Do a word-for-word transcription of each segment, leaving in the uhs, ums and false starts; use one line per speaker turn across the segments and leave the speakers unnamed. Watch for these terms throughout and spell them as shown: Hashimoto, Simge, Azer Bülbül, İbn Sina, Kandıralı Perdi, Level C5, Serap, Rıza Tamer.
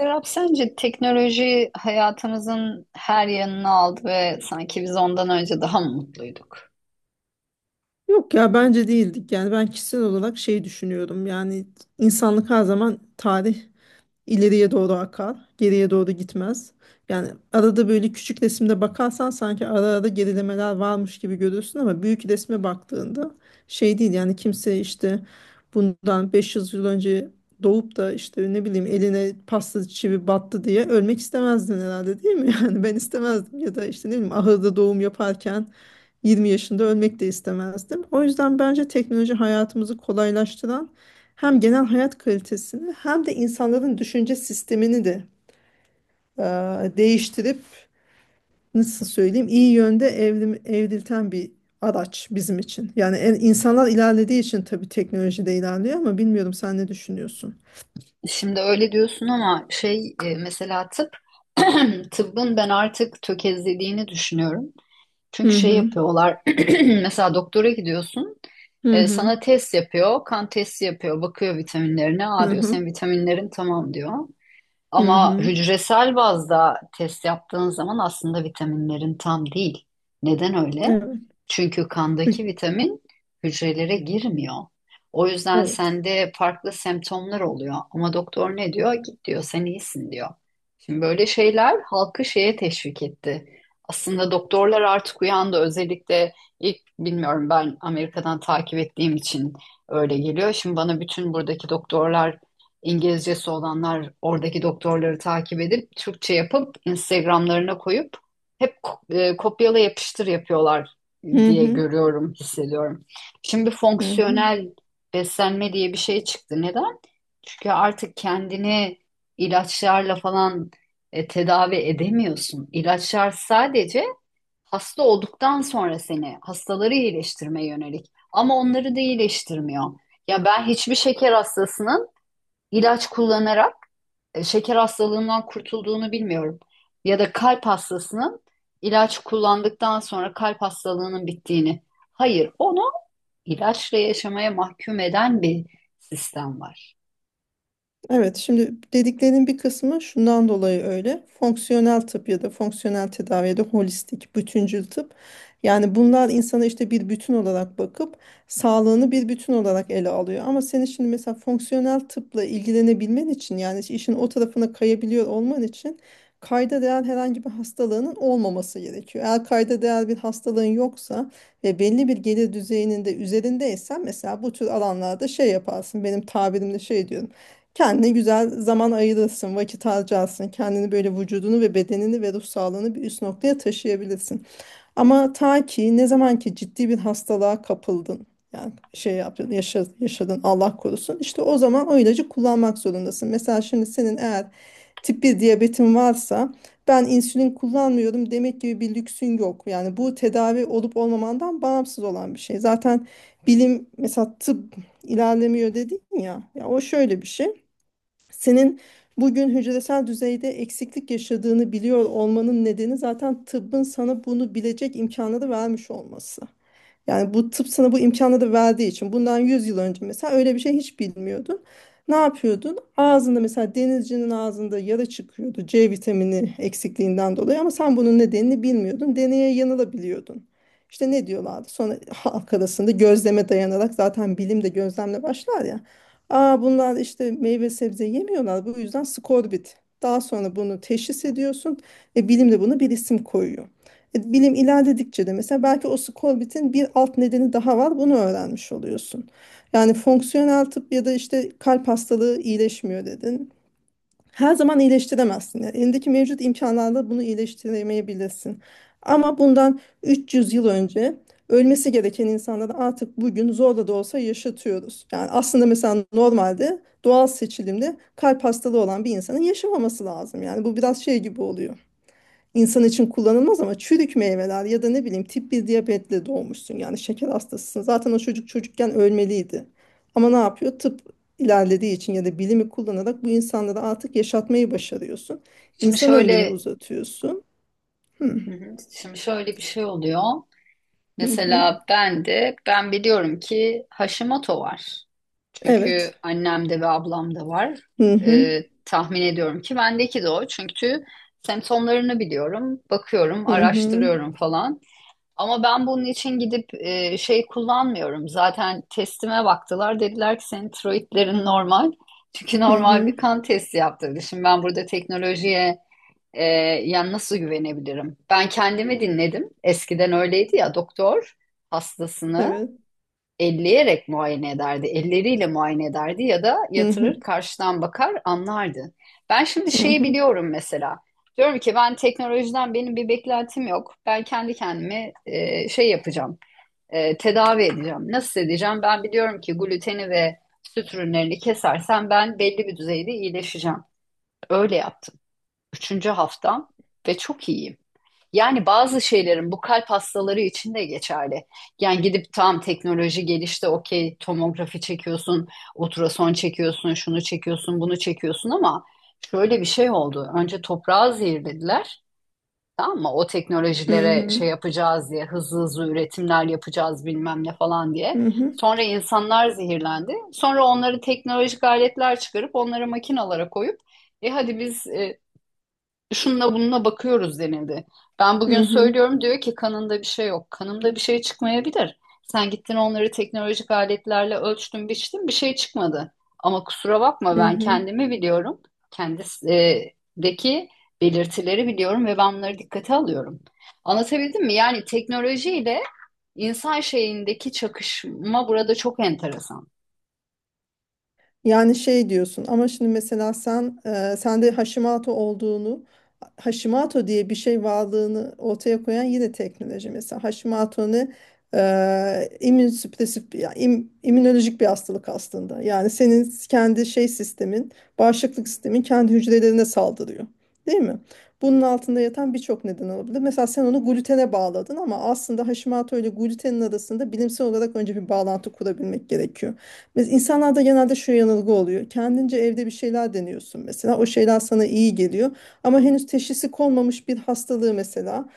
Serap, sence teknoloji hayatımızın her yanını aldı ve sanki biz ondan önce daha mı mutluyduk?
Yok ya bence değildik. Yani ben kişisel olarak şey düşünüyorum. Yani insanlık her zaman tarih İleriye doğru akar, geriye doğru gitmez. Yani arada böyle küçük resimde bakarsan sanki ara ara gerilemeler varmış gibi görürsün, ama büyük resme baktığında şey değil. Yani kimse işte bundan beş yüz yıl önce doğup da işte ne bileyim eline pasta çivi battı diye ölmek istemezdin herhalde, değil mi? Yani ben istemezdim, ya da işte ne bileyim ahırda doğum yaparken yirmi yaşında ölmek de istemezdim. O yüzden bence teknoloji hayatımızı kolaylaştıran, hem genel hayat kalitesini hem de insanların düşünce sistemini de e, değiştirip, nasıl söyleyeyim, iyi yönde evrim, evrilten bir araç bizim için. Yani en- insanlar ilerlediği için tabii teknoloji de ilerliyor, ama bilmiyorum, sen ne düşünüyorsun?
Şimdi öyle diyorsun ama şey e, mesela tıp, tıbbın ben artık tökezlediğini düşünüyorum.
Hı
Çünkü şey
hı.
yapıyorlar, mesela doktora gidiyorsun,
Hı
e,
hı.
sana test yapıyor, kan testi yapıyor, bakıyor vitaminlerine,
Hı
aa diyor
hı.
senin vitaminlerin tamam diyor.
Hı
Ama
hı.
hücresel bazda test yaptığın zaman aslında vitaminlerin tam değil. Neden öyle?
Evet.
Çünkü
Hü-
kandaki vitamin hücrelere girmiyor. O yüzden
Evet.
sende farklı semptomlar oluyor. Ama doktor ne diyor? Git diyor, sen iyisin diyor. Şimdi böyle şeyler halkı şeye teşvik etti. Aslında doktorlar artık uyandı. Özellikle ilk bilmiyorum ben Amerika'dan takip ettiğim için öyle geliyor. Şimdi bana bütün buradaki doktorlar İngilizcesi olanlar oradaki doktorları takip edip Türkçe yapıp Instagram'larına koyup hep ko- e, kopyala yapıştır yapıyorlar
Hı
diye
hı.
görüyorum, hissediyorum. Şimdi
Hı hı.
fonksiyonel beslenme diye bir şey çıktı. Neden? Çünkü artık kendini ilaçlarla falan e, tedavi edemiyorsun. İlaçlar sadece hasta olduktan sonra seni hastaları iyileştirmeye yönelik ama onları da iyileştirmiyor. Ya ben hiçbir şeker hastasının ilaç kullanarak e, şeker hastalığından kurtulduğunu bilmiyorum. Ya da kalp hastasının ilaç kullandıktan sonra kalp hastalığının bittiğini. Hayır, onu ilaçla yaşamaya mahkum eden bir sistem var.
Evet, şimdi dediklerinin bir kısmı şundan dolayı öyle. Fonksiyonel tıp ya da fonksiyonel tedavi ya da holistik, bütüncül tıp. Yani bunlar insana işte bir bütün olarak bakıp sağlığını bir bütün olarak ele alıyor. Ama senin şimdi mesela fonksiyonel tıpla ilgilenebilmen için, yani işin o tarafına kayabiliyor olman için, kayda değer herhangi bir hastalığının olmaması gerekiyor. Eğer kayda değer bir hastalığın yoksa ve belli bir gelir düzeyinin de üzerindeysen, mesela bu tür alanlarda şey yaparsın. Benim tabirimle şey diyorum. Kendine güzel zaman ayırırsın, vakit harcarsın. Kendini böyle vücudunu ve bedenini ve ruh sağlığını bir üst noktaya taşıyabilirsin. Ama ta ki ne zaman ki ciddi bir hastalığa kapıldın, yani şey yaptın, yaşadın, yaşadın, Allah korusun. İşte o zaman o ilacı kullanmak zorundasın. Mesela şimdi senin eğer tip bir diyabetin varsa, ben insülin kullanmıyorum demek gibi bir lüksün yok. Yani bu tedavi olup olmamandan bağımsız olan bir şey. Zaten bilim, mesela tıp ilerlemiyor dedin ya. Ya o şöyle bir şey. Senin bugün hücresel düzeyde eksiklik yaşadığını biliyor olmanın nedeni zaten tıbbın sana bunu bilecek imkanı da vermiş olması. Yani bu tıp sana bu imkanı da verdiği için; bundan yüz yıl önce mesela öyle bir şey hiç bilmiyordun. Ne yapıyordun? Ağzında, mesela denizcinin ağzında yara çıkıyordu C vitamini eksikliğinden dolayı, ama sen bunun nedenini bilmiyordun. Deneye yanılabiliyordun. İşte ne diyorlardı? Sonra halk arasında gözleme dayanarak, zaten bilim de gözlemle başlar ya. Aa, bunlar işte meyve sebze yemiyorlar, bu yüzden skorbut. Daha sonra bunu teşhis ediyorsun ve bilim de buna bir isim koyuyor. E, Bilim ilerledikçe de mesela belki o skorbitin bir alt nedeni daha var. Bunu öğrenmiş oluyorsun. Yani fonksiyonel tıp ya da işte kalp hastalığı iyileşmiyor dedin. Her zaman iyileştiremezsin. Yani elindeki mevcut imkanlarla bunu iyileştiremeyebilirsin. Ama bundan üç yüz yıl önce ölmesi gereken insanları artık bugün zorla da olsa yaşatıyoruz. Yani aslında mesela normalde doğal seçilimde kalp hastalığı olan bir insanın yaşamaması lazım. Yani bu biraz şey gibi oluyor, insan için kullanılmaz ama çürük meyveler, ya da ne bileyim tip bir diyabetle doğmuşsun, yani şeker hastasısın. Zaten o çocuk çocukken ölmeliydi. Ama ne yapıyor? Tıp ilerlediği için ya da bilimi kullanarak bu insanları artık yaşatmayı başarıyorsun.
Şimdi
İnsan ömrünü
şöyle,
uzatıyorsun. Hı
hı hı, şimdi şöyle bir şey oluyor.
hı. hı.
Mesela ben de ben biliyorum ki Hashimoto var. Çünkü
Evet.
annemde ve ablamda var.
Hı hı.
Ee, tahmin ediyorum ki bendeki de o. Çünkü semptomlarını biliyorum, bakıyorum,
Hı hı.
araştırıyorum falan. Ama ben bunun için gidip e, şey kullanmıyorum. Zaten testime baktılar. Dediler ki senin tiroidlerin normal. Çünkü
Hı
normal
hı.
bir kan testi yaptırdı. Şimdi ben burada teknolojiye e, yani nasıl güvenebilirim? Ben kendimi dinledim. Eskiden öyleydi ya doktor hastasını
Evet.
elleyerek muayene ederdi. Elleriyle muayene ederdi ya da
Hı hı.
yatırır karşıdan bakar anlardı. Ben şimdi
Hı
şeyi
hı.
biliyorum mesela. Diyorum ki ben teknolojiden benim bir beklentim yok. Ben kendi kendime e, şey yapacağım. E, tedavi edeceğim. Nasıl edeceğim? Ben biliyorum ki gluteni ve süt ürünlerini kesersem ben belli bir düzeyde iyileşeceğim. Öyle yaptım. Üçüncü haftam ve çok iyiyim. Yani bazı şeylerin bu kalp hastaları için de geçerli. Yani gidip tam teknoloji gelişti, okey tomografi çekiyorsun, ultrason çekiyorsun, şunu çekiyorsun, bunu çekiyorsun ama şöyle bir şey oldu. Önce toprağı zehirlediler. Tamam mı? O
Hı
teknolojilere
hı.
şey yapacağız diye, hızlı hızlı üretimler yapacağız bilmem ne falan diye.
Hı hı.
Sonra insanlar zehirlendi. Sonra onları teknolojik aletler çıkarıp onları makinalara koyup e hadi biz e, şununla bununla bakıyoruz denildi. Ben
Hı
bugün
hı.
söylüyorum diyor ki kanında bir şey yok. Kanımda bir şey çıkmayabilir. Sen gittin onları teknolojik aletlerle ölçtün, biçtin bir şey çıkmadı. Ama kusura bakma
Hı
ben
hı.
kendimi biliyorum. Kendisindeki belirtileri biliyorum ve ben bunları dikkate alıyorum. Anlatabildim mi? Yani teknolojiyle insan şeyindeki çakışma burada çok enteresan.
Yani şey diyorsun ama şimdi mesela sen e, sende Hashimoto olduğunu, Hashimoto diye bir şey varlığını ortaya koyan yine teknoloji. Mesela Hashimoto ne? e, immünsüpresif ya, im- immünolojik bir hastalık aslında. Yani senin kendi şey sistemin, bağışıklık sistemin kendi hücrelerine saldırıyor, değil mi? Bunun altında yatan birçok neden olabilir. Mesela sen onu glutene bağladın, ama aslında Hashimoto ile glutenin arasında bilimsel olarak önce bir bağlantı kurabilmek gerekiyor. Biz insanlarda genelde şu yanılgı oluyor. Kendince evde bir şeyler deniyorsun mesela. O şeyler sana iyi geliyor. Ama henüz teşhisi konmamış bir hastalığı mesela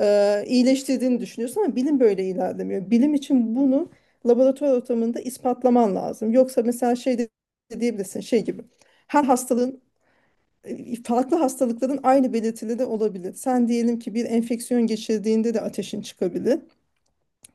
e, iyileştirdiğini düşünüyorsun, ama bilim böyle ilerlemiyor. Bilim için bunu laboratuvar ortamında ispatlaman lazım. Yoksa mesela şey de diyebilirsin, şey gibi. Her hastalığın, e, farklı hastalıkların aynı belirtileri olabilir. Sen diyelim ki bir enfeksiyon geçirdiğinde de ateşin çıkabilir.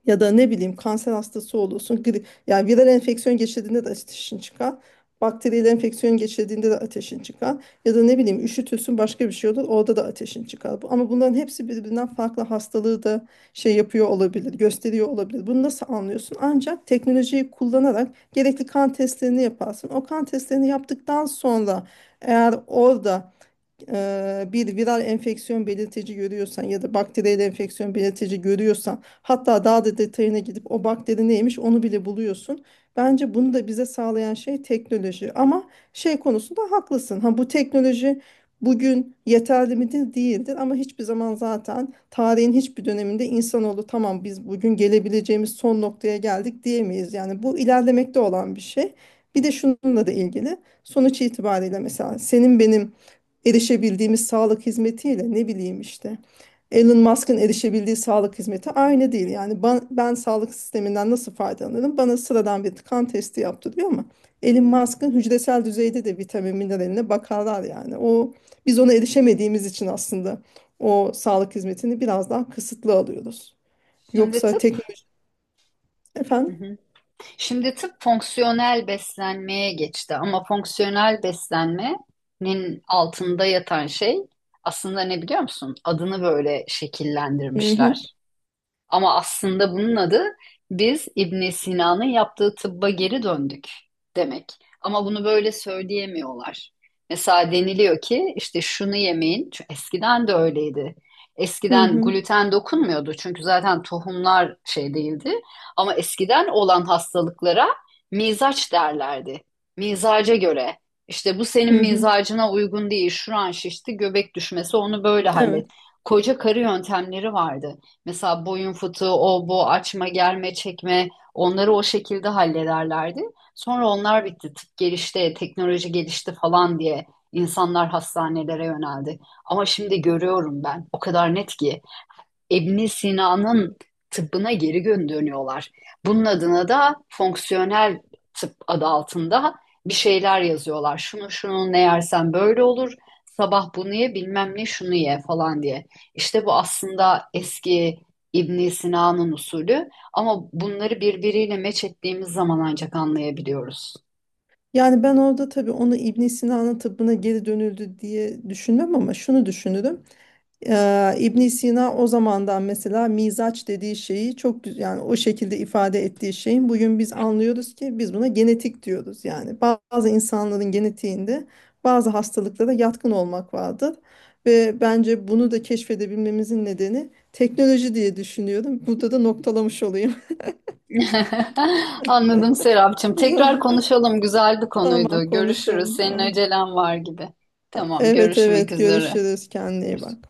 Ya da ne bileyim kanser hastası olursun. Gri, yani viral enfeksiyon geçirdiğinde de ateşin çıkar. Bakteriyel enfeksiyon geçirdiğinde de ateşin çıkar. Ya da ne bileyim üşütürsün, başka bir şey olur, orada da ateşin çıkar. Bu- Ama bunların hepsi birbirinden farklı hastalığı da şey yapıyor olabilir, gösteriyor olabilir. Bunu nasıl anlıyorsun? Ancak teknolojiyi kullanarak gerekli kan testlerini yaparsın. O kan testlerini yaptıktan sonra eğer orada e, bir viral enfeksiyon belirtici görüyorsan ya da bakteriyel enfeksiyon belirtici görüyorsan, hatta daha da detayına gidip o bakteri neymiş onu bile buluyorsun. Bence bunu da bize sağlayan şey teknoloji, ama şey konusunda haklısın. Ha, bu teknoloji bugün yeterli midir? Değildir, ama hiçbir zaman, zaten tarihin hiçbir döneminde insanoğlu tamam biz bugün gelebileceğimiz son noktaya geldik diyemeyiz. Yani bu ilerlemekte olan bir şey. Bir de şununla da ilgili, sonuç itibariyle mesela senin benim erişebildiğimiz sağlık hizmetiyle ne bileyim işte Elon Musk'ın erişebildiği sağlık hizmeti aynı değil. Yani ben, ben sağlık sisteminden nasıl faydalanırım? Bana sıradan bir kan testi yaptırıyor, ama Elon Musk'ın hücresel düzeyde de vitamin mineraline bakarlar yani. O, biz ona erişemediğimiz için aslında o sağlık hizmetini biraz daha kısıtlı alıyoruz.
Şimdi
Yoksa
tıp.
teknoloji
Hı
efendim.
hı. Şimdi tıp fonksiyonel beslenmeye geçti ama fonksiyonel beslenmenin altında yatan şey aslında ne biliyor musun? Adını böyle
Hı hı,
şekillendirmişler. Ama aslında bunun adı biz İbn Sina'nın yaptığı tıbba geri döndük demek. Ama bunu böyle söyleyemiyorlar. Mesela deniliyor ki işte şunu yemeyin. Çünkü eskiden de öyleydi.
hı
Eskiden
hı,
gluten dokunmuyordu çünkü zaten tohumlar şey değildi. Ama eskiden olan hastalıklara mizaç derlerdi. Mizaca göre. İşte bu senin
hı hı.
mizacına uygun değil. Şuran şişti, göbek düşmesi onu böyle
Evet.
hallet. Koca karı yöntemleri vardı. Mesela boyun fıtığı, o bu, açma, germe, çekme onları o şekilde hallederlerdi. Sonra onlar bitti. Tıp gelişti, teknoloji gelişti falan diye insanlar hastanelere yöneldi. Ama şimdi görüyorum ben o kadar net ki İbn Sina'nın tıbbına geri dönüyorlar. Bunun adına da fonksiyonel tıp adı altında bir şeyler yazıyorlar. Şunu şunu ne yersen böyle olur. Sabah bunu ye, bilmem ne şunu ye falan diye. İşte bu aslında eski İbn Sina'nın usulü ama bunları birbiriyle meç ettiğimiz zaman ancak anlayabiliyoruz.
Yani ben orada tabii onu İbn Sina'nın tıbbına geri dönüldü diye düşünmem, ama şunu düşünürüm. Ee, İbn Sina o zamandan mesela mizaç dediği şeyi çok güzel, yani o şekilde ifade ettiği şeyin bugün biz anlıyoruz ki biz buna genetik diyoruz. Yani bazı insanların genetiğinde bazı hastalıklara yatkın olmak vardır. Ve bence bunu da keşfedebilmemizin nedeni teknoloji diye düşünüyorum. Burada da noktalamış olayım.
Anladım Serapcığım. Tekrar konuşalım. Güzel bir konuydu.
Tamam,
Görüşürüz.
konuşalım.
Senin acelen var gibi. Tamam,
Evet,
görüşmek
evet,
üzere.
görüşürüz, kendine iyi bak.